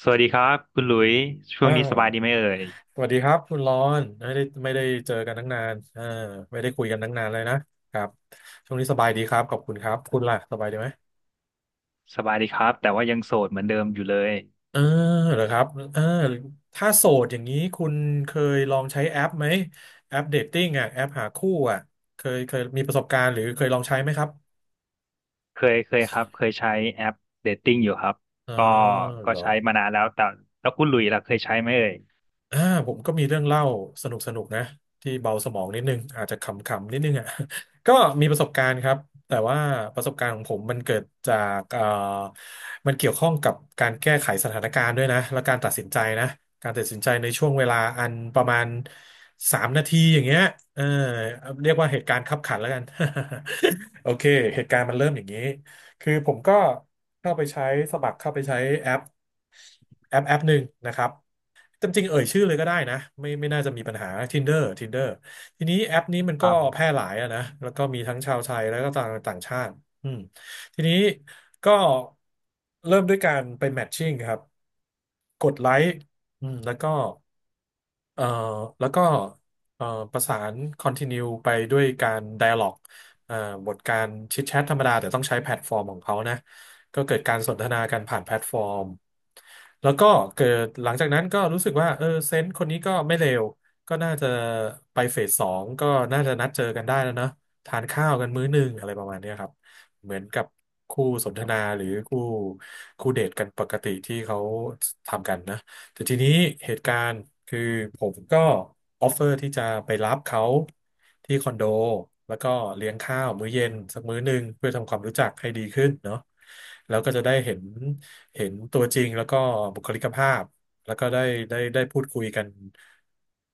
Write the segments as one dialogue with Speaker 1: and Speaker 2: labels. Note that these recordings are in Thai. Speaker 1: สวัสดีครับคุณหลุยช่ว
Speaker 2: อ่
Speaker 1: งนี้สบายดีไหม
Speaker 2: า
Speaker 1: เอ่ย
Speaker 2: สวัสดีครับคุณรอนไม่ได้เจอกันตั้งนานไม่ได้คุยกันตั้งนานเลยนะครับช่วงนี้สบายดีครับขอบคุณครับคุณล่ะสบายดีไหม
Speaker 1: สบายดีครับแต่ว่ายังโสดเหมือนเดิมอยู่เลย
Speaker 2: เออเหรอครับเออถ้าโสดอย่างนี้คุณเคยลองใช้แอปไหมแอปเดทติ้งอ่ะแอปหาคู่อ่ะเคยมีประสบการณ์หรือเคยลองใช้ไหมครับ
Speaker 1: เคยครับเคยใช้แอปเดทติ้งอยู่ครับ
Speaker 2: อ๋อ
Speaker 1: ก็ก็
Speaker 2: เหรอ
Speaker 1: ใช้มานานแล้วแต่แล้วคุณหลุยล่ะเคยใช้ไหมเอ่ย
Speaker 2: อ่าผมก็มีเรื่องเล่าสนุกนะที่เบาสมองนิดนึงอาจจะขำๆนิดนึงอ่ะ ก็มีประสบการณ์ครับแต่ว่าประสบการณ์ของผมมันเกิดจากมันเกี่ยวข้องกับการแก้ไขสถานการณ์ด้วยนะและการตัดสินใจนะการตัดสินใจในช่วงเวลาอันประมาณสามนาทีอย่างเงี้ยเออเรียกว่าเหตุการณ์คับขันแล้วกัน โอเคเหตุการณ์มันเริ่มอย่างนี้คือผมก็เข้าไปใช้สมัครเข้าไปใช้แอปแอปหนึ่งนะครับ จำจริงๆเอ่ยชื่อเลยก็ได้นะไม่น่าจะมีปัญหา Tinder Tinder ทีนี้แอปนี้มัน
Speaker 1: ค
Speaker 2: ก็
Speaker 1: รับ
Speaker 2: แพร่หลายอะนะแล้วก็มีทั้งชาวไทยแล้วก็ต่างต่างชาติอืมทีนี้ก็เริ่มด้วยการไปแมทชิ่งครับกดไลค์อืมแล้วก็ เอ่อแล้วก็เอ่อประสาน continue ไปด้วยการ dialog เอ่อบทการแชทธรรมดาแต่ต้องใช้แพลตฟอร์มของเขานะก็เกิดการสนทนากันผ่านแพลตฟอร์มแล้วก็เกิดหลังจากนั้นก็รู้สึกว่าเออเซนส์คนนี้ก็ไม่เลวก็น่าจะไปเฟสสองก็น่าจะนัดเจอกันได้แล้วเนอะทานข้าวกันมื้อหนึงอะไรประมาณเนี้ยครับเหมือนกับคู่สนทนาหรือคู่เดทกันปกติที่เขาทำกันนะ แต่ทีนี้เหตุการณ์คือผมก็ออฟเฟอร์ที่จะไปรับเขาที่คอนโดแล้วก็เลี้ยงข้าวมื้อเย็นสักมื้อหนึ่งเพื่อทำความรู้จักให้ดีขึ้นเนาะแล้วก็จะได้เห็นเห็นตัวจริงแล้วก็บุคลิกภาพแล้วก็ได้พูดคุยกัน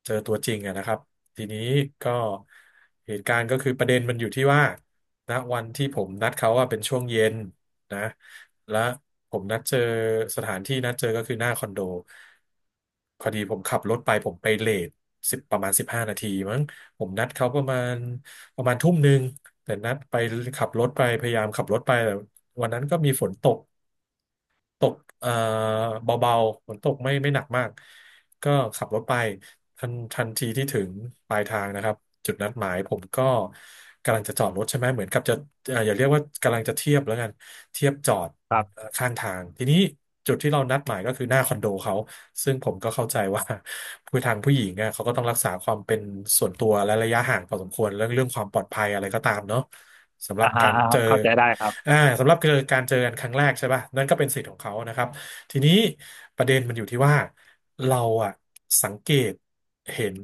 Speaker 2: เจอตัวจริงอะนะครับทีนี้ก็เหตุการณ์ก็คือประเด็นมันอยู่ที่ว่าณวันที่ผมนัดเขาว่าเป็นช่วงเย็นนะ และผมนัดเจอสถานที่นัดเจอก็คือหน้าคอนโดพอดีผมขับรถไปผมไปเลทสิบประมาณ15 นาทีมั้งผมนัดเขาประมาณทุ่มหนึ่งแต่นัดไปขับรถไปพยายามขับรถไปแต่วันนั้นก็มีฝนตก ตกเอ่อเบาๆฝนตกไม่หนักมาก ก็ขับรถไปทันทีที่ถึงปลายทางนะครับจุดนัดหมายผมก็กำลังจะจอดรถใช่ไหมเหมือนกับจะอย่าเรียกว่ากำลังจะเทียบแล้วกันเทียบจอด
Speaker 1: ครับ
Speaker 2: ข้างทางทีนี้จุดที่เรานัดหมายก็คือหน้าคอนโดเขาซึ่งผมก็เข้าใจว่า ผู้ทางผู้หญิงอ่ะเขาก็ต้องรักษาความเป็นส่วนตัวและระยะห่างพอสมควรเรื่องความปลอดภัยอะไรก็ตามเนาะสำหรั
Speaker 1: อ่า
Speaker 2: บ
Speaker 1: ฮะ
Speaker 2: การ
Speaker 1: อ่า
Speaker 2: เจ
Speaker 1: ฮะ
Speaker 2: อ
Speaker 1: เข้าใจได้ครับ
Speaker 2: อ่าสำหรับคือการเจอกันครั้งแรกใช่ป่ะนั่นก็เป็นสิทธิ์ของเขานะครับทีนี้ประเด็นมันอยู่ที่ว่าเราอะสังเกตเห็น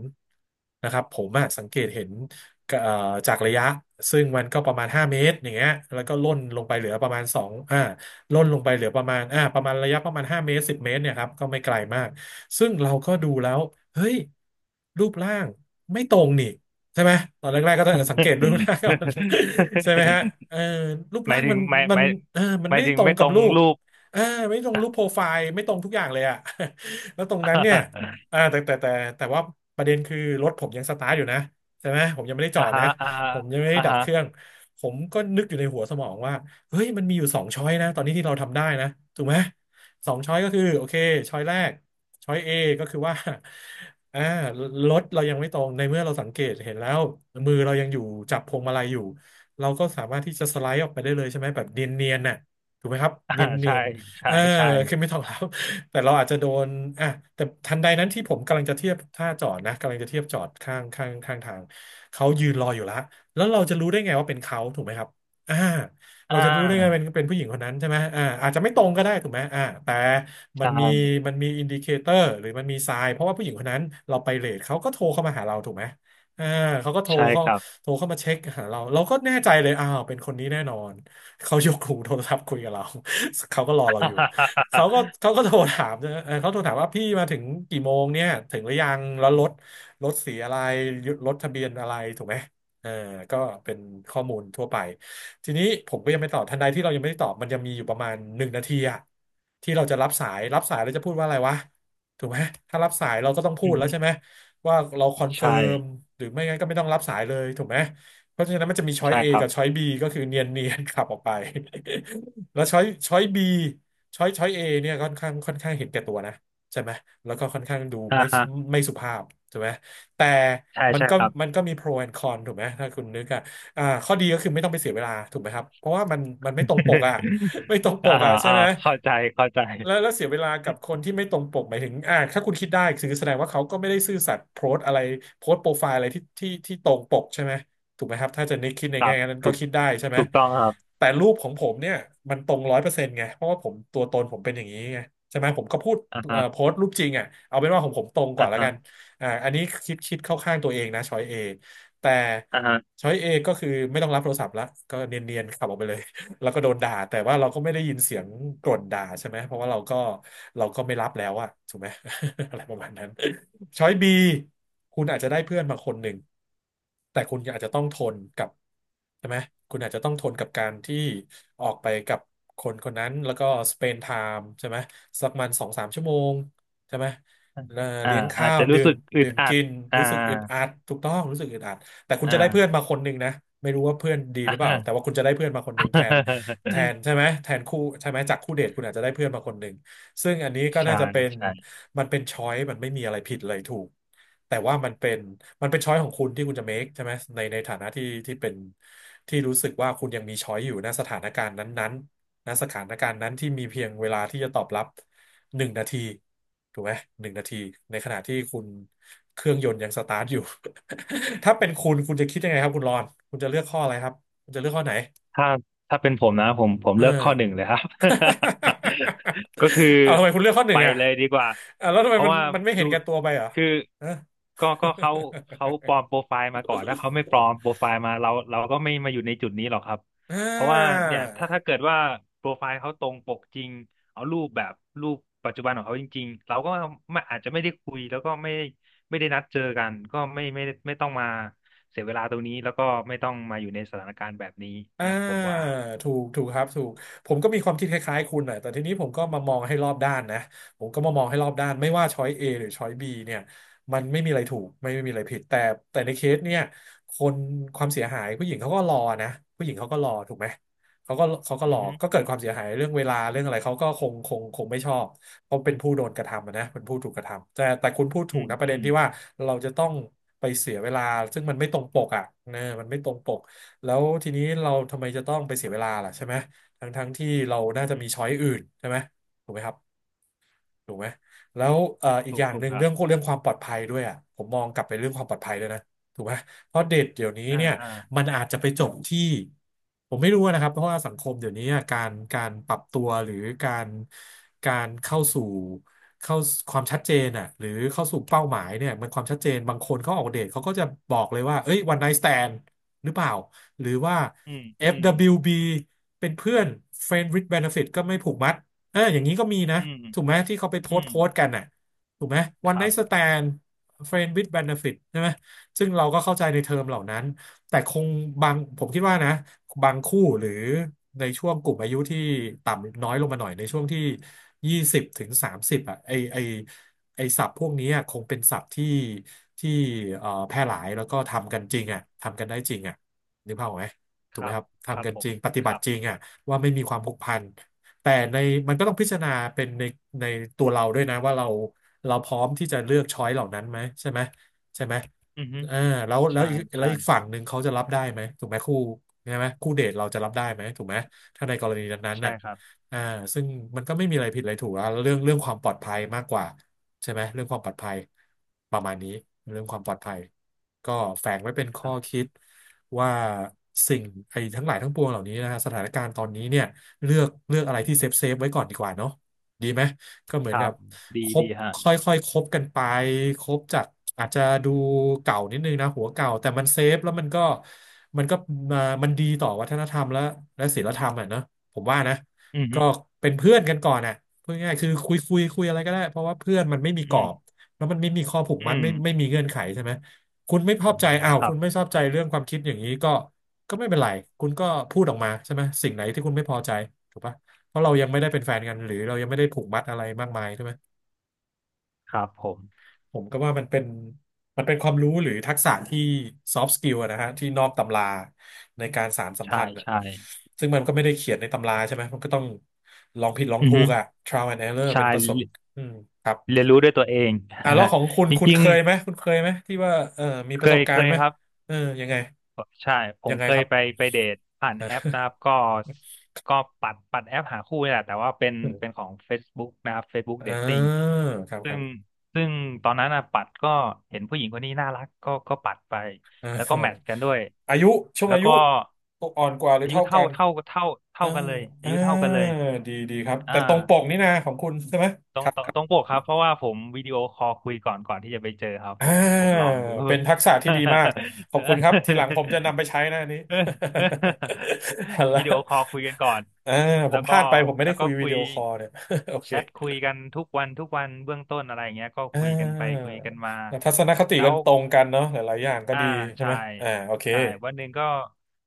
Speaker 2: นะครับผมอะสังเกตเห็นก็จากระยะซึ่งมันก็ประมาณห้าเมตรอย่างเงี้ยแล้วก็ล่นลงไปเหลือประมาณสองล่นลงไปเหลือประมาณประมาณระยะประมาณ5เมตร10เมตรเนี่ยครับก็ไม่ไกลมากซึ่งเราก็ดูแล้วเฮ้ยรูปร่างไม่ตรงนี่ ใช่ไหมตอนแรกๆก็ต้องสังเกตรูปร่างก่อน ใช่ไหมฮะ เออรูป
Speaker 1: หมา
Speaker 2: ร่า
Speaker 1: ย
Speaker 2: ง
Speaker 1: ถึ
Speaker 2: มั
Speaker 1: ง
Speaker 2: น
Speaker 1: ไม่
Speaker 2: มัน
Speaker 1: ไม่
Speaker 2: เออมัน
Speaker 1: หมา
Speaker 2: ไม่
Speaker 1: ยถึง
Speaker 2: ตรง
Speaker 1: ไม่ต
Speaker 2: กับ
Speaker 1: รง
Speaker 2: ลูก
Speaker 1: รูป
Speaker 2: เออไม่ตรงรูปโปรไฟล์ไม่ตรงทุกอย่างเลยอะ แล้วตรงนั้นเนี่ย อ่าแต่แต่แต่แต่ว่าประเด็นคือรถผมยังสตาร์ทอยู่นะใช่ไหมผมยังไม่ได้จ
Speaker 1: อ่า
Speaker 2: อด
Speaker 1: ฮะ
Speaker 2: นะ
Speaker 1: อ่าฮะ
Speaker 2: ผมยังไม่ได้
Speaker 1: อ่า
Speaker 2: ดับ
Speaker 1: ฮะ
Speaker 2: เครื่องผมก็นึกอยู่ในหัวสมองว่าเฮ้ยมันมีอยู่สองช้อยนะตอนนี้ที่เราทำได้นะถูกไหมสองช้อยก็คือโอเคช้อยแรก ช้อย A ก็คือว่า อ่า รถเรายังไม่ตรงในเมื่อเราสังเกตเห็นแล้วมือเรายังอยู่จับพวงมาลัยอยู่เราก็สามารถที่จะสไลด์ออกไปได้เลยใช่ไหมแบบเนียนๆน่ะถูกไหมครับ
Speaker 1: อ่า
Speaker 2: เนี
Speaker 1: ใช่
Speaker 2: ยนๆเอ
Speaker 1: ใช่
Speaker 2: อ
Speaker 1: ใช่
Speaker 2: คือไม่ต้องแล้ว แต่เราอาจจะโดนอ่ะแต่ทันใดนั้นที่ผมกำลังจะเทียบท่าจอดนะกำลังจะเทียบจอดข้างทางเขายืนรออยู่แล้วแล้วเราจะรู้ได้ไงว่าเป็นเขาถูกไหมครับอ่า
Speaker 1: อ่
Speaker 2: เราจะรู้ได้ไงเป็น
Speaker 1: า
Speaker 2: เป็นผู้หญิงคนนั้นใช่ไหมอ่าอาจจะไม่ตรงก็ได้ถูกไหมแต่ มัน
Speaker 1: ใช่
Speaker 2: มีมันมีอินดิเคเตอร์หรือมันมีไซน์เพราะว่าผู้หญิงคนนั้นเราไปเลทเขาก็โทรเข้ามาหาเราถูกไหมเออเขาก็โทร
Speaker 1: ใช่
Speaker 2: เข้า
Speaker 1: ครับ
Speaker 2: โทรเข้ามาเช็คหาเราเราก็แน่ใจเลยอ้าวเป็นคนนี้แน่นอนเขายกหูโทรศัพท์คุยกับเรา เขาก็รอเราอยู่เขาก็ เขาก็โทรถามนะเออเขาโทรถามว่าพี่มาถึงกี่โมงเนี่ยถึงหรือยังแล้วรถรถสีอะไรรถทะเบียนอะไรถูกไหมเออก็เป็นข้อมูลทั่วไป ทีนี้ผมก็ยังไม่ตอบทันใดที่เรายังไม่ได้ตอบมันยังมีอยู่ประมาณหนึ่งนาทีอะที่เราจะรับสายรับสายเราจะพูดว่าอะไรวะถูกไหมถ้ารับสายเราก็ต้องพูดแล้วใช่ไหมว่าเราคอนเฟิ
Speaker 1: ใช่
Speaker 2: ร์มหรือไม่งั้นก็ไม่ต้องรับสายเลยถูกไหมเพราะฉะนั้นมันจะมีช้อย
Speaker 1: ใช่
Speaker 2: A
Speaker 1: ครับ
Speaker 2: กับช้อย B ก็คือเนียนขับออกไป แล้วช้อย B ช้อย A เนี่ยค่อนข้างเห็นแก่ตัวนะใช่ไหมแล้วก็ค่อนข้างดู
Speaker 1: อ่าฮะ
Speaker 2: ไม่สุภาพถูกไหมแต่
Speaker 1: ใช่
Speaker 2: มัน
Speaker 1: ใช่
Speaker 2: ก็
Speaker 1: ครับ
Speaker 2: มันก็มี pro and con ถูกไหมถ้าคุณนึกอะ อ่าข้อดีก็คือไม่ต้องไปเสียเวลาถูกไหมครับเพราะว่ามันไม่ตรงปกอ่ะ ไม่ตรงป
Speaker 1: อ่า
Speaker 2: กอ่ะ
Speaker 1: ฮะ
Speaker 2: ใช่
Speaker 1: อ่า
Speaker 2: ไหม
Speaker 1: เข้าใจเข้าใจ
Speaker 2: แล้วเสียเวลากับคนที่ไม่ตรงปกหมายถึงอ่าถ้าคุณคิดได้คือแสดงว่าเขาก็ไม่ได้ซื่อสัตย์โพสต์อะไรโพสต์โปรไฟล์อะไรที่ตรงปกใช่ไหมถูกไหมครับถ้าจะนึกคิดใน
Speaker 1: ครั
Speaker 2: แง่
Speaker 1: บ
Speaker 2: นั้นก็
Speaker 1: ถูก
Speaker 2: คิดได้ใช่ไหม
Speaker 1: ถูกต้องครับ
Speaker 2: แต่รูปของผมเนี่ยมันตรง100%ไงเพราะว่าผมตัวตนผมเป็นอย่างนี้ไงใช่ไหมผมก็พูด
Speaker 1: อ่าฮะ
Speaker 2: โพสต์รูปจริงอ่ะเอาเป็นว่าของผมตรงก
Speaker 1: อ่า
Speaker 2: ว่าแล้ว
Speaker 1: ฮะ
Speaker 2: กันอ่าอันนี้คิดเข้าข้างตัวเองนะช้อยเอ แต่
Speaker 1: อ่าฮะ
Speaker 2: ช้อยเอก็คือไม่ต้องรับโทรศัพท์ละก็เนียนๆขับออกไปเลย แล้วก็โดนด่าแต่ว่าเราก็ไม่ได้ยินเสียงกร่นด่าใช่ไหมเพราะว่าเราก็ไม่รับแล้วอะถูกไหม อะไรประมาณนั้น ช้อยบีคุณอาจจะได้เพื่อนมาคนหนึ่งแต่คุณอาจจะต้องทนกับใช่ไหมคุณอาจจะต้องทนกับการที่ออกไปกับคนคนนั้นแล้วก็สเปนไทม์ใช่ไหมสักมันสองสามชั่วโมงใช่ไหมเอ
Speaker 1: อ่า
Speaker 2: เลี้ยง
Speaker 1: อา
Speaker 2: ข้า
Speaker 1: จ
Speaker 2: ว
Speaker 1: จะรู้
Speaker 2: ดื่ม
Speaker 1: สึกอึ
Speaker 2: ดื่
Speaker 1: ด
Speaker 2: ม
Speaker 1: อัด
Speaker 2: กิน
Speaker 1: อ่า
Speaker 2: รู้สึกอึดอัดถูกต้องรู้สึกอึดอัดแต่คุณจะได้เพื่อน
Speaker 1: อ่า
Speaker 2: มาคนหนึ่งนะไม่รู้ว่าเพื่อนดีห
Speaker 1: อ่า
Speaker 2: รือเปล่าแต่ว่า คุณจะได้เพื่อนมาคนหนึ่งแทนแทนใช่ไหมแทนคู่ใช่ไหมจากคู่เดทคุณอาจจะได้เพื่อนมาคนหนึ่ง ซึ่งอันนี้ก็
Speaker 1: ใช่
Speaker 2: น่าจะเป็น
Speaker 1: ใช่
Speaker 2: มันเป็นช้อยมันไม่มีอะไรผิดอะไรถูกแต่ว่ามันเป็นช้อยของคุณที่คุณจะ make ใช่ไหมในฐานะที่เป็นที่รู้สึกว่าคุณยังมีช้อยอยู่ณสถานการณ์นั้นๆณสถานการณ์นั้นที่มีเพียงเวลาที่จะตอบรับหนึ่งนาทีถูกไหมหนึ่งนาทีในขณะที่คุณเครื่องยนต์ยังสตาร์ทอยู่ ถ้าเป็นคุณคุณจะคิดยังไงครับคุณรอนคุณจะเลือกข้ออะไรครับคุณจะเลือกข้อไหน
Speaker 1: ถ้าถ้าเป็นผมนะผม
Speaker 2: เออ
Speaker 1: เลือกข้อหนึ่งเลยครับ ก็คือ
Speaker 2: เอาทำไมคุณเลือกข้อห
Speaker 1: ไป
Speaker 2: นึ่งอ่ะ
Speaker 1: เลยดีกว่า
Speaker 2: อ่ะแล้วทำ
Speaker 1: เพ
Speaker 2: ไม
Speaker 1: ราะว่า
Speaker 2: มันไม่เห็
Speaker 1: ดู
Speaker 2: นแก่ตัวไปเหรอ
Speaker 1: คือ
Speaker 2: ฮะ
Speaker 1: ก็เขาปลอ มโปรไฟล์มาก่อนถ้าเขาไม่ปลอมโปรไฟล์มาเราก็ไม่มาอยู่ในจุดนี้หรอกครับ
Speaker 2: อ่
Speaker 1: เพราะว่า
Speaker 2: า
Speaker 1: เนี่ยถ้า เกิดว่าโปรไฟล์เขาตรงปกจริงเอารูปแบบรูปปัจจุบันของเขาจริงๆเราก็ไม่อาจจะไม่ได้คุยแล้วก็ไม่ได้นัดเจอกันก็ไม่ต้องมา เสียเวลาตรงนี้แล้วก็ไม่ต้องมาอยู่ในสถานการณ์แบบนี้
Speaker 2: อ่า
Speaker 1: นะผมว่า
Speaker 2: ถูกถูกครับถูกผมก็มีความคิดคล้ายๆคุณหน่อยแต่ทีนี้ผมก็มามองให้รอบด้านนะผมก็มามองให้รอบด้านไม่ว่าช้อย A หรือช้อย B เนี่ยมันไม่มีอะไรถูกไม่มีอะไรผิดแต่ในเคสเนี่ยคนความเสียหายผู้หญิงเขาก็รอนะผู้หญิงเขาก็รอถูกไหมเขาก็ร
Speaker 1: อือ
Speaker 2: อ
Speaker 1: ฮึ
Speaker 2: ก็เกิดความเสียหายเรื่องเวลาเรื่องอะไรเขาก็คงไม่ชอบเพราะเป็นผู้โดนกระทำอะนะเป็นผู้ถูกกระทำแต่คุณพูดถู
Speaker 1: อื
Speaker 2: ก
Speaker 1: ม
Speaker 2: นะประ
Speaker 1: อื
Speaker 2: เด็น
Speaker 1: ม
Speaker 2: ที่ว่าเราจะต้องไปเสียเวลาซึ่งมันไม่ตรงปกอ่ะเออมันไม่ตรงปก แล้วทีนี้เราทำไมจะต้องไปเสียเวลาล่ะใช่ไหมทั้งที่เรา
Speaker 1: อื
Speaker 2: น่า
Speaker 1: อ
Speaker 2: จะ
Speaker 1: ฮึ
Speaker 2: มีช้อยอื่นใช่ไหมถูกไหมครับ ถูกไหมแล้วอีก
Speaker 1: ถู
Speaker 2: อ
Speaker 1: ก
Speaker 2: ย่าง
Speaker 1: ถู
Speaker 2: ห
Speaker 1: ก
Speaker 2: นึ่ง
Speaker 1: ครั
Speaker 2: เรื่
Speaker 1: บ
Speaker 2: องเรื่องความปลอดภัยด้วยอ่ะผมมองกลับไปเรื่องความปลอดภัยด้วยนะถูกไหมเพราะเด็กเดี๋ยวนี้
Speaker 1: อ่า
Speaker 2: เนี่ย
Speaker 1: อ่า
Speaker 2: มันอาจจะไปจบที่ผมไม่รู้นะครับ เพราะว่าสังคมเดี๋ยวนี้อะการปรับตัวหรือการการเข้าสู่เข้าความชัดเจนอ่ะหรือเข้าสู่เป้าหมายเนี่ยมันความชัดเจนบางคนเขาออกเดทเขาก็จะบอกเลยว่าเอ้ยวันไน t ์สแตนด์หรือเปล่าหรือว่า
Speaker 1: อืมอืม
Speaker 2: FWB เบิลยูบีเป็นเพื่อน Friend with Benefit ก็ไม่ผูกมัด เอออย่างนี้ก็มีนะ
Speaker 1: อืม
Speaker 2: ถูกไหมที่เขาไปโพ
Speaker 1: อื
Speaker 2: สต์
Speaker 1: ม
Speaker 2: โพสต์กันน่ะถูกไหมวั
Speaker 1: ค
Speaker 2: นไน
Speaker 1: รับ
Speaker 2: t ์สแตน friend with benefit ใช่ไหมซึ่งเราก็เข้าใจในเทอมเหล่านั้นแต่คงบางผมคิดว่านะบางคู่หรือในช่วงกลุ่มอายุที่ต่ำน้อยลงมาหน่อยในช่วงที่20 ถึง 30อ่ะไอไอศัพท์พวกนี้อะคงเป็นศัพท์ที่แพร่หลายแล้วก็ทำกันจริงอ่ะทำกันได้จริงอ่ะนึกภาพออกไหมถู
Speaker 1: ค
Speaker 2: กไหม
Speaker 1: รับ
Speaker 2: ครับ
Speaker 1: ครั
Speaker 2: ทำ
Speaker 1: บ
Speaker 2: กัน
Speaker 1: ผ
Speaker 2: จ
Speaker 1: ม
Speaker 2: ริงปฏิ
Speaker 1: ค
Speaker 2: บั
Speaker 1: รั
Speaker 2: ติ
Speaker 1: บ
Speaker 2: จริงอ่ะว่าไม่มีความผูกพัน แต่ในมันก็ต้องพิจารณาเป็นในตัวเราด้วยนะว่าเราเราพร้อมที่จะเลือกช้อยเหล่านั้นไหมใช่ไหมใช่ไหม
Speaker 1: อือฮึ
Speaker 2: เออแล้วแล้ว
Speaker 1: ใช่
Speaker 2: อีกแล้วอีก
Speaker 1: ใช่
Speaker 2: ฝั่งหนึ่งเขาจะรับได้ไหมถูกไหมคู่ใช่ไหมคู่เดทเราจะรับได้ไหมถูกไหมถ้าในกรณีนั้นๆ
Speaker 1: ใช่
Speaker 2: น่ะ
Speaker 1: ครับ
Speaker 2: อ่าซึ่งมันก็ไม่มีอะไรผิดอะไรถูกอะเรื่องความปลอดภัยมากกว่าใช่ไหมเรื่องความปลอดภัยประมาณนี้เรื่องความปลอดภัยก็แฝงไว้เป็น
Speaker 1: ค
Speaker 2: ข้อ
Speaker 1: รับ
Speaker 2: คิดว่าสิ่งไอ้ทั้งหลายทั้งปวงเหล่านี้นะฮะสถานการณ์ตอนนี้เนี่ย เลือกอะไรที่เซฟไว้ก่อนดีกว่าเนาะดีไหมก็เหมื
Speaker 1: ค
Speaker 2: อน
Speaker 1: รั
Speaker 2: กับ
Speaker 1: บดี
Speaker 2: คบ
Speaker 1: ดีฮะ
Speaker 2: ค่อยค่อยคบกันไปคบจากอาจจะดูเก่านิดนึงนะหัวเก่าแต่มันเซฟแล้วมันก็มามันดีต่อวัฒนธรรมและและศีลธรรมอ่ะเนอะผมว่านะ
Speaker 1: อือฮึ
Speaker 2: ก็เป็นเพื่อนกันก่อนอ่ะพูดง่ายๆคือคุยอะไรก็ได้เพราะว่าเพื่อนมันไม่มีกร
Speaker 1: อื
Speaker 2: อ
Speaker 1: ม
Speaker 2: บแล้วมันไม่มีข้อผูกมั
Speaker 1: อื
Speaker 2: ดไม่
Speaker 1: ม
Speaker 2: มีเงื่อนไขใช่ไหม คุณไม่ชอบใจอ้าว
Speaker 1: ครั
Speaker 2: คุณไม่
Speaker 1: บ
Speaker 2: ชอบใจเรื่องความคิดอย่างนี้ก็ก็ไม่เป็นไร คุณก็พูดออกมาใช่ไหมสิ่งไหนที่คุณไม่พอใจถูกปะเพราะเรายังไม่ได้เป็นแฟนกันหรือเรายังไม่ได้ผูกมัดอะไรมากมายใช่ไหม
Speaker 1: ครับผม
Speaker 2: ผมก็ว่ามันเป็น มันเป็นความรู้หรือทักษะที่ซอฟต์สกิลนะฮะที่นอกตำราในการสานสัม
Speaker 1: ใช่
Speaker 2: พันธ์อะ
Speaker 1: ใช่
Speaker 2: ซึ่งมันก็ไม่ได้เขียนในตำราใช่ไหมมันก็ต้องลองผิดลอง
Speaker 1: อือ
Speaker 2: ถู
Speaker 1: ฮึ
Speaker 2: กอะ trial and error
Speaker 1: ใช่
Speaker 2: เป็นประสบอืมครับ
Speaker 1: เรียนรู้ด้วยตัวเอง
Speaker 2: อ่ะแล้วของคุณ
Speaker 1: จ
Speaker 2: คุณ
Speaker 1: ริ
Speaker 2: เค
Speaker 1: ง
Speaker 2: ยไหมคุณเคยไหมที่ว่าเออมี
Speaker 1: ๆ
Speaker 2: ป
Speaker 1: เค
Speaker 2: ระส
Speaker 1: ย
Speaker 2: บกา
Speaker 1: เค
Speaker 2: รณ์
Speaker 1: ย
Speaker 2: ไหม
Speaker 1: ครับ
Speaker 2: เออยังไง
Speaker 1: ใช่ผ
Speaker 2: ยั
Speaker 1: ม
Speaker 2: งไง
Speaker 1: เค
Speaker 2: ค
Speaker 1: ย
Speaker 2: รับ
Speaker 1: ไปเดทผ่าน แอป
Speaker 2: อ่า
Speaker 1: นะครับก็ปัดแอปหาคู่นี่แหละแต่ว่าเป็นของ Facebook นะครับ Facebook Dating
Speaker 2: ครับค
Speaker 1: ซึ่
Speaker 2: รั
Speaker 1: ง
Speaker 2: บ
Speaker 1: ซึ่งตอนนั้นนะปัดก็เห็นผู้หญิงคนนี้น่ารักก็ปัดไป
Speaker 2: อ่า
Speaker 1: แล้วก็แมทช์กันด้วย
Speaker 2: อายุช่วง
Speaker 1: แล้ว
Speaker 2: อายุ
Speaker 1: ก็
Speaker 2: อ่อนกว่าหรือ
Speaker 1: อายุ
Speaker 2: เท่ากั
Speaker 1: เท่า
Speaker 2: น
Speaker 1: เท่าเท่าเท่า
Speaker 2: อ่า
Speaker 1: กันเลยอา
Speaker 2: อ่า
Speaker 1: ยุเท่ากันเลย
Speaker 2: ดีครับ
Speaker 1: อ่า
Speaker 2: แต่ตรงปกนี่นะของคุณใช่ไหม
Speaker 1: ตร
Speaker 2: ค
Speaker 1: ง
Speaker 2: รับ
Speaker 1: ตร
Speaker 2: ค
Speaker 1: ง
Speaker 2: รับ
Speaker 1: ตรงปกครับเพราะว่าผมวิดีโอคอลคุยก่อนที่จะไปเจอครับ
Speaker 2: อ
Speaker 1: ผม
Speaker 2: ่า
Speaker 1: ลองดู
Speaker 2: เป็นทักษะที่ดีมากขอบคุณครับทีหลังผมจะนำ ไปใช้นะอันนี้
Speaker 1: เออ
Speaker 2: ฮัล้
Speaker 1: วิ
Speaker 2: ว
Speaker 1: ดีโอคอลคุยกันก่อน
Speaker 2: เออผ
Speaker 1: แล้
Speaker 2: ม
Speaker 1: ว
Speaker 2: พ
Speaker 1: ก็
Speaker 2: ลาดไปผมไม่
Speaker 1: แล้
Speaker 2: ได้
Speaker 1: ว
Speaker 2: คุ
Speaker 1: ก็
Speaker 2: ยวิ
Speaker 1: คุ
Speaker 2: ดี
Speaker 1: ย
Speaker 2: โอคอลเนี่ย โอเค
Speaker 1: แชทคุยกันทุกวันทุกวันเบื้องต้นอะไรอย่างเงี้ยก็
Speaker 2: อ่
Speaker 1: คุยกันไป
Speaker 2: า
Speaker 1: คุยกันมา
Speaker 2: ทัศนคติ
Speaker 1: แล้
Speaker 2: กั
Speaker 1: ว
Speaker 2: นตรงกันเนาะหลายๆอย่างก็
Speaker 1: อ่า
Speaker 2: ดีใช่
Speaker 1: ใช่
Speaker 2: ไหมอ่าโอเค
Speaker 1: ใช่วันหนึ่งก็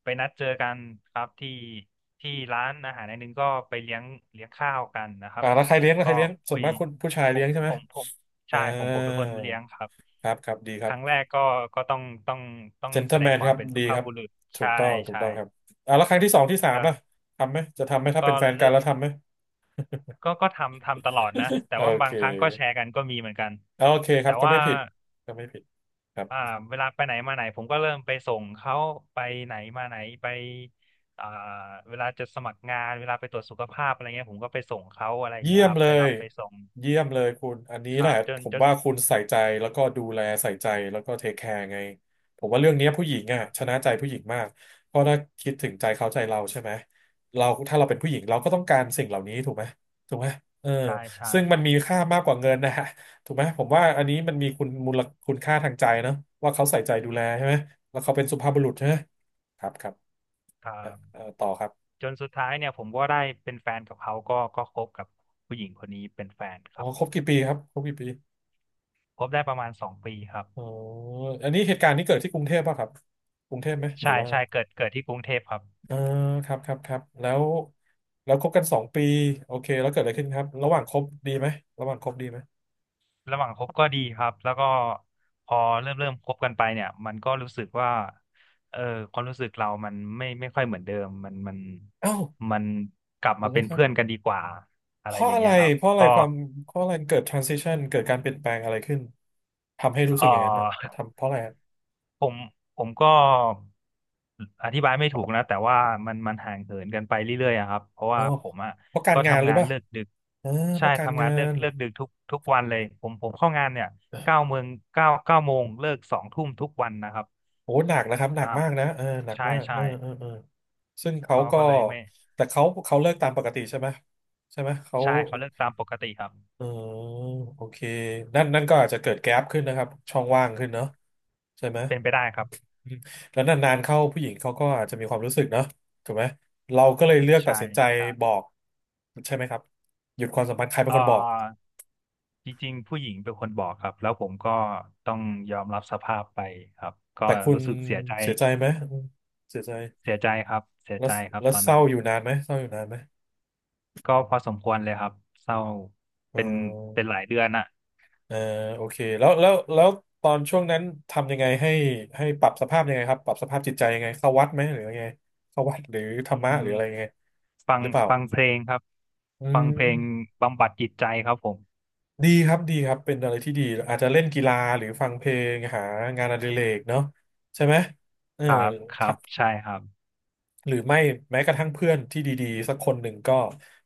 Speaker 1: ไปนัดเจอกันครับที่ที่ร้านอาหารแห่งหนึ่งก็ไปเลี้ยงข้าวกันนะครับ
Speaker 2: อ่าแล้วใครเลี้ยงแล้วใค
Speaker 1: ก็
Speaker 2: รเลี้ยงส่
Speaker 1: คุ
Speaker 2: วน
Speaker 1: ย
Speaker 2: มากคุณผู้ชาย
Speaker 1: ผ
Speaker 2: เลี้ย
Speaker 1: ม
Speaker 2: งใช่ไห
Speaker 1: ผ
Speaker 2: ม
Speaker 1: มผม
Speaker 2: อ่า
Speaker 1: ใช่ผมเป็นคนเลี้ยงครับ
Speaker 2: ครับครับดีค
Speaker 1: ค
Speaker 2: รับ
Speaker 1: รั้งแรกก็ต้องต้อง
Speaker 2: เจน t l
Speaker 1: แส
Speaker 2: e m
Speaker 1: ด
Speaker 2: แม
Speaker 1: ง
Speaker 2: น
Speaker 1: ควา
Speaker 2: ค
Speaker 1: ม
Speaker 2: รับ
Speaker 1: เป็นสุ
Speaker 2: ดี
Speaker 1: ภา
Speaker 2: ค
Speaker 1: พ
Speaker 2: รับ
Speaker 1: บุรุษ
Speaker 2: ถู
Speaker 1: ใช่
Speaker 2: กต้องถูก
Speaker 1: ใช่
Speaker 2: ต้องครับอ่าแล้วครั้งที่สองที่สามล่ะทำไหมจะทำไหมถ้าเป็
Speaker 1: ก็
Speaker 2: นแฟนกัน
Speaker 1: เริ่ม
Speaker 2: แล้วทำไหม
Speaker 1: ก็ทำตลอดนะ แต่
Speaker 2: โอ
Speaker 1: ว่า
Speaker 2: เค
Speaker 1: บางครั้งก็แชร์กันก็มีเหมือนกัน
Speaker 2: โอเคครั
Speaker 1: แต่
Speaker 2: บก็
Speaker 1: ว่า
Speaker 2: ไม่ผิดก็ไม่ผิดครั
Speaker 1: อ่า
Speaker 2: บ
Speaker 1: เวลาไปไหนมาไหนผมก็เริ่มไปส่งเขาไปไหนมาไหนไปอ่าเวลาจะสมัครงานเวลาไปตรวจสุขภาพอะไรเงี้ยผมก็ไปส่งเขาอะไร
Speaker 2: เยี่
Speaker 1: เงี้ย
Speaker 2: ยม
Speaker 1: ครับ
Speaker 2: เล
Speaker 1: ไปรั
Speaker 2: ย
Speaker 1: บไปส่ง
Speaker 2: เยี่ยมเลยคุณอันนี้
Speaker 1: ค
Speaker 2: แห
Speaker 1: รั
Speaker 2: ละ
Speaker 1: บจ
Speaker 2: ผ
Speaker 1: น
Speaker 2: ม
Speaker 1: จน
Speaker 2: ว่าคุณใส่ใจแล้วก็ดูแลใส่ใจแล้วก็เทคแคร์ไงผมว่าเรื่องเนี้ยผู้หญิงอ่ะ
Speaker 1: ครั
Speaker 2: ช
Speaker 1: บ
Speaker 2: นะใจผู้หญิงมากเพราะถ้าคิดถึงใจเขาใจเราใช่ไหมเราถ้าเราเป็นผู้หญิงเราก็ต้องการสิ่งเหล่านี้ถูกไหมถูกไหมเออ
Speaker 1: ใช่ใช่
Speaker 2: ซึ่งมันมีค่ามากกว่าเงินนะฮะถูกไหมผมว่าอันนี้มันมีคุณมูลคุณค่าทางใจเนอะว่าเขาใส่ใจดูแลใช่ไหมแล้วเขาเป็นสุภาพบุรุษใช่ไหมครับครับ
Speaker 1: ครับ
Speaker 2: ต่อครับ
Speaker 1: จนสุดท้ายเนี่ยผมก็ได้เป็นแฟนกับเขาก็คบกับผู้หญิงคนนี้เป็นแฟนค
Speaker 2: อ๋อ
Speaker 1: รับ
Speaker 2: ค
Speaker 1: ผ
Speaker 2: รบ
Speaker 1: ม
Speaker 2: กี่ปีครับครบกี่ปี
Speaker 1: คบได้ประมาณ2 ปีครับ
Speaker 2: อ๋ออันนี้เหตุการณ์นี้เกิดที่กรุงเทพป่ะครับกรุงเทพไหมหรือ
Speaker 1: ใช่
Speaker 2: ว่า
Speaker 1: ใช่เกิดที่กรุงเทพครับ
Speaker 2: เออครับครับครับแล้วคบกัน2 ปีโอเคแล้วเกิดอะไรขึ้นครับระหว่างคบดีไหมระหว่างคบดีไหม
Speaker 1: ระหว่างคบก็ดีครับแล้วก็พอเริ่มคบกันไปเนี่ยมันก็รู้สึกว่าเออความรู้สึกเรามันไม่ค่อยเหมือนเดิมมันมัน
Speaker 2: เอ้า
Speaker 1: มันกลับมา
Speaker 2: แล้
Speaker 1: เป็
Speaker 2: ว
Speaker 1: น
Speaker 2: ครับ
Speaker 1: เพื่อนกันดีกว่าอะ
Speaker 2: เพ
Speaker 1: ไรอ
Speaker 2: ราะ
Speaker 1: ย่าง
Speaker 2: อะไร
Speaker 1: เงี้ยครับ
Speaker 2: เพราะอะไร
Speaker 1: ก็
Speaker 2: ความเพราะอะไรเกิด transition เกิดการเปลี่ยนแปลงอะไรขึ้นทำให้รู้
Speaker 1: เอ
Speaker 2: สึกอย่างนั้นน่ะ
Speaker 1: อ
Speaker 2: ทำเพราะอะไรอะ
Speaker 1: ผมผมก็อธิบายไม่ถูกนะแต่ว่ามันห่างเหินกันไปเรื่อยๆอะครับเพราะ
Speaker 2: อ๋อ
Speaker 1: ว่าผมอ่ะ
Speaker 2: เพราะการ
Speaker 1: ก็
Speaker 2: งานหรื
Speaker 1: ทำ
Speaker 2: อ
Speaker 1: งา
Speaker 2: เป
Speaker 1: น
Speaker 2: ล่า
Speaker 1: เลิกดึก
Speaker 2: เออเพ
Speaker 1: ใช่
Speaker 2: ราะการ
Speaker 1: ทำงา
Speaker 2: งา
Speaker 1: นเลิก
Speaker 2: น
Speaker 1: เลิกดึกทุกวันเลยผมเข้างานเนี่ยเก้าโมงเก้าโมงเลิก2 ทุ่มทุกวันนะครับ
Speaker 2: โอ้หนักนะครับหนั
Speaker 1: อ่า
Speaker 2: กมากนะเออหนัก
Speaker 1: ใช่
Speaker 2: มาก
Speaker 1: ใช่
Speaker 2: เออเออเออซึ่งเขา
Speaker 1: ก็
Speaker 2: ก็
Speaker 1: ก็เลยไม่
Speaker 2: แต่เขาเลิกตามปกติใช่ไหมใช่ไหมเขา
Speaker 1: ใช่เขาเลือกตามปกติครับ
Speaker 2: เออโอเคนั่นก็อาจจะเกิดแก๊ปขึ้นนะครับช่องว่างขึ้นเนาะใช่ไหม
Speaker 1: เป็นไปได้ครับ
Speaker 2: อืมแล้วนานๆเข้าผู้หญิงเขาก็อาจจะมีความรู้สึกเนาะถูกไหมเราก็เลยเลือกตัด
Speaker 1: ใช่
Speaker 2: สินใจ
Speaker 1: ใช่
Speaker 2: บอกใช่ไหมครับหยุดความสัมพันธ์ใครเป็น
Speaker 1: เอ่
Speaker 2: คนบอก
Speaker 1: อจริงๆผู้หญิงเป็นคนบอกครับแล้วผมก็ต้องยอมรับสภาพไปครับก็
Speaker 2: แต่คุณ
Speaker 1: รู้สึกเสียใจ
Speaker 2: เสียใจไหมอืมเสียใจ
Speaker 1: เสียใจครับเสีย
Speaker 2: แล้ว
Speaker 1: ใจครับ
Speaker 2: แล้ว
Speaker 1: ตอน
Speaker 2: เศร้า
Speaker 1: นั้น
Speaker 2: อยู่นานไหมเศร้าอยู่นานไหม
Speaker 1: ก็พอสมควรเลยครับเศร้า
Speaker 2: เ
Speaker 1: เป็นเป็
Speaker 2: ออ
Speaker 1: นหลายเดือนอ่ะ
Speaker 2: เออโอเคแล้วตอนช่วงนั้นทำยังไงให้ให้ปรับสภาพยังไงครับปรับสภาพจิตใจยังไงเข้าวัดไหมหรือยังไงเข้าวัดหรือธร
Speaker 1: อื
Speaker 2: รมะห
Speaker 1: ม
Speaker 2: รืออะไรยังไง
Speaker 1: ฟั
Speaker 2: ห
Speaker 1: ง
Speaker 2: รือเปล่า
Speaker 1: ฟังเพลงครับ
Speaker 2: อื
Speaker 1: ฟังเพลง
Speaker 2: ม
Speaker 1: บำบัดจิตใจครับผม
Speaker 2: ดีครับดีครับเป็นอะไรที่ดีอาจจะเล่นกีฬาหรือฟังเพลงหางานอดิเรกเนาะใช่ไหมเออ
Speaker 1: ครับครับใช่ครับ
Speaker 2: หรือไม่แม้กระทั่งเพื่อนที่ดีๆสักคนหนึ่งก็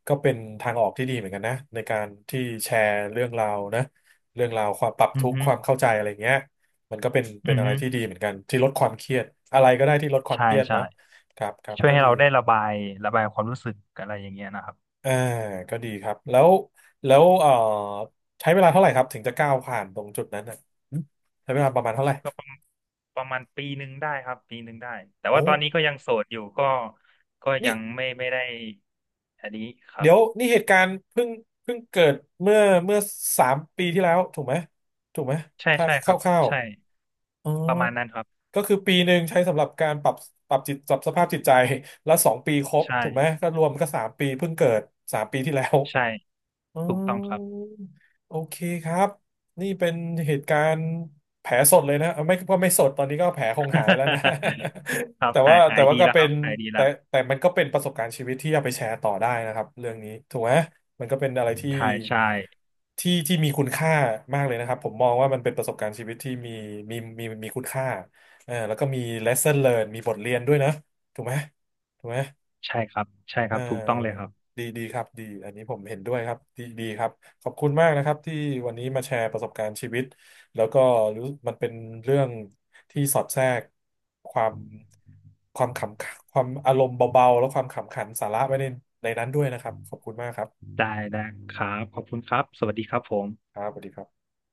Speaker 2: ก็เป็นทางออกที่ดีเหมือนกันนะในการที่แชร์เรื่องราวนะเรื่องราวความปรับ
Speaker 1: อื
Speaker 2: ทุ
Speaker 1: อ
Speaker 2: กข์
Speaker 1: ฮึ
Speaker 2: ความเข้าใจอะไรเงี้ยมันก็เป็น
Speaker 1: อื
Speaker 2: เป็น
Speaker 1: อ
Speaker 2: อะไร
Speaker 1: ฮึ
Speaker 2: ที่ดีเหมือนกันที่ลดความเครียดอะไรก็ได้ที่ลดความ
Speaker 1: ใช่
Speaker 2: เครียด
Speaker 1: ใช่
Speaker 2: เนาะครับครับ
Speaker 1: ช่วย
Speaker 2: ก็
Speaker 1: ให้
Speaker 2: ดี
Speaker 1: เราได้ระบายความรู้สึกอะไรอย่างเงี้ยนะครับ
Speaker 2: อ่าก็ดีครับแล้วแล้วใช้เวลาเท่าไหร่ครับถึงจะก้าวผ่านตรงจุดนั้นอ่ะใช้เวลาประมาณเท่าไหร่
Speaker 1: ก็ประมาณปีหนึ่งได้ครับปีหนึ่งได้แต่
Speaker 2: โอ้
Speaker 1: ว่าตอนนี้ก็ยังโสดอยู่ก็
Speaker 2: นี่
Speaker 1: ยังไม่ได้อันนี้ครั
Speaker 2: เดี๋
Speaker 1: บ
Speaker 2: ยวนี่เหตุการณ์เพิ่งเพิ่งเกิดเมื่อเมื่อสามปีที่แล้วถูกไหมถูกไหม
Speaker 1: ใช่
Speaker 2: ถ้า
Speaker 1: ใช่
Speaker 2: ค
Speaker 1: ครับ
Speaker 2: ร่าว
Speaker 1: ใช่
Speaker 2: ๆอ๋อ
Speaker 1: ประมาณนั้นครับ
Speaker 2: ก็คือปีหนึ่งใช้สำหรับการปรับปรับจิตปรับสภาพจิตใจแล้ว2 ปีครบ
Speaker 1: ใช่
Speaker 2: ถูกไหมก็รวมก็สามปีเพิ่งเกิดสามปีที่แล้ว
Speaker 1: ใช่
Speaker 2: อ๋อ
Speaker 1: ถูกต้องครับ
Speaker 2: โอเคครับนี่เป็นเหตุการณ์แผลสดเลยนะเอาไม่ก็ไม่สดตอนนี้ก็แผลคงหายแล้วนะ
Speaker 1: ครั บ
Speaker 2: แต่
Speaker 1: หา
Speaker 2: ว่า
Speaker 1: ยหา
Speaker 2: แต่
Speaker 1: ย
Speaker 2: ว่า
Speaker 1: ดี
Speaker 2: ก็
Speaker 1: แล้วค
Speaker 2: เป็
Speaker 1: รั
Speaker 2: น
Speaker 1: บหายดี
Speaker 2: แต่
Speaker 1: แล้ว
Speaker 2: แต่มันก็เป็นประสบการณ์ชีวิตที่เอาไปแชร์ต่อได้นะครับเรื่องนี้ถูกไหมมันก็เป็นอะไรที่
Speaker 1: ถ่ายใช่
Speaker 2: ที่มีคุณค่ามากเลยนะครับผมมองว่ามันเป็นประสบการณ์ชีวิตที่มีคุณค่าเออแล้วก็มี lesson learned มีบทเรียนด้วยนะถูกไหมถูกไหม
Speaker 1: ใช่ครับใช่ค
Speaker 2: เอ
Speaker 1: รับถูกต้องเลยครั
Speaker 2: อ
Speaker 1: บ
Speaker 2: ดีดีครับดีอันนี้ผมเห็นด้วยครับดีดีครับขอบคุณมากนะครับที่วันนี้มาแชร์ประสบการณ์ชีวิตแล้วก็รู้มันเป็นเรื่องที่สอดแทรกความความขำความอารมณ์เบาๆแล้วความขำขันสาระไว้ในในนั้นด้วยนะครับขอบคุณมากครับ
Speaker 1: ได้ได้ครับขอบคุณครับสวัสดีครับผม
Speaker 2: ครับสวัสดีครับ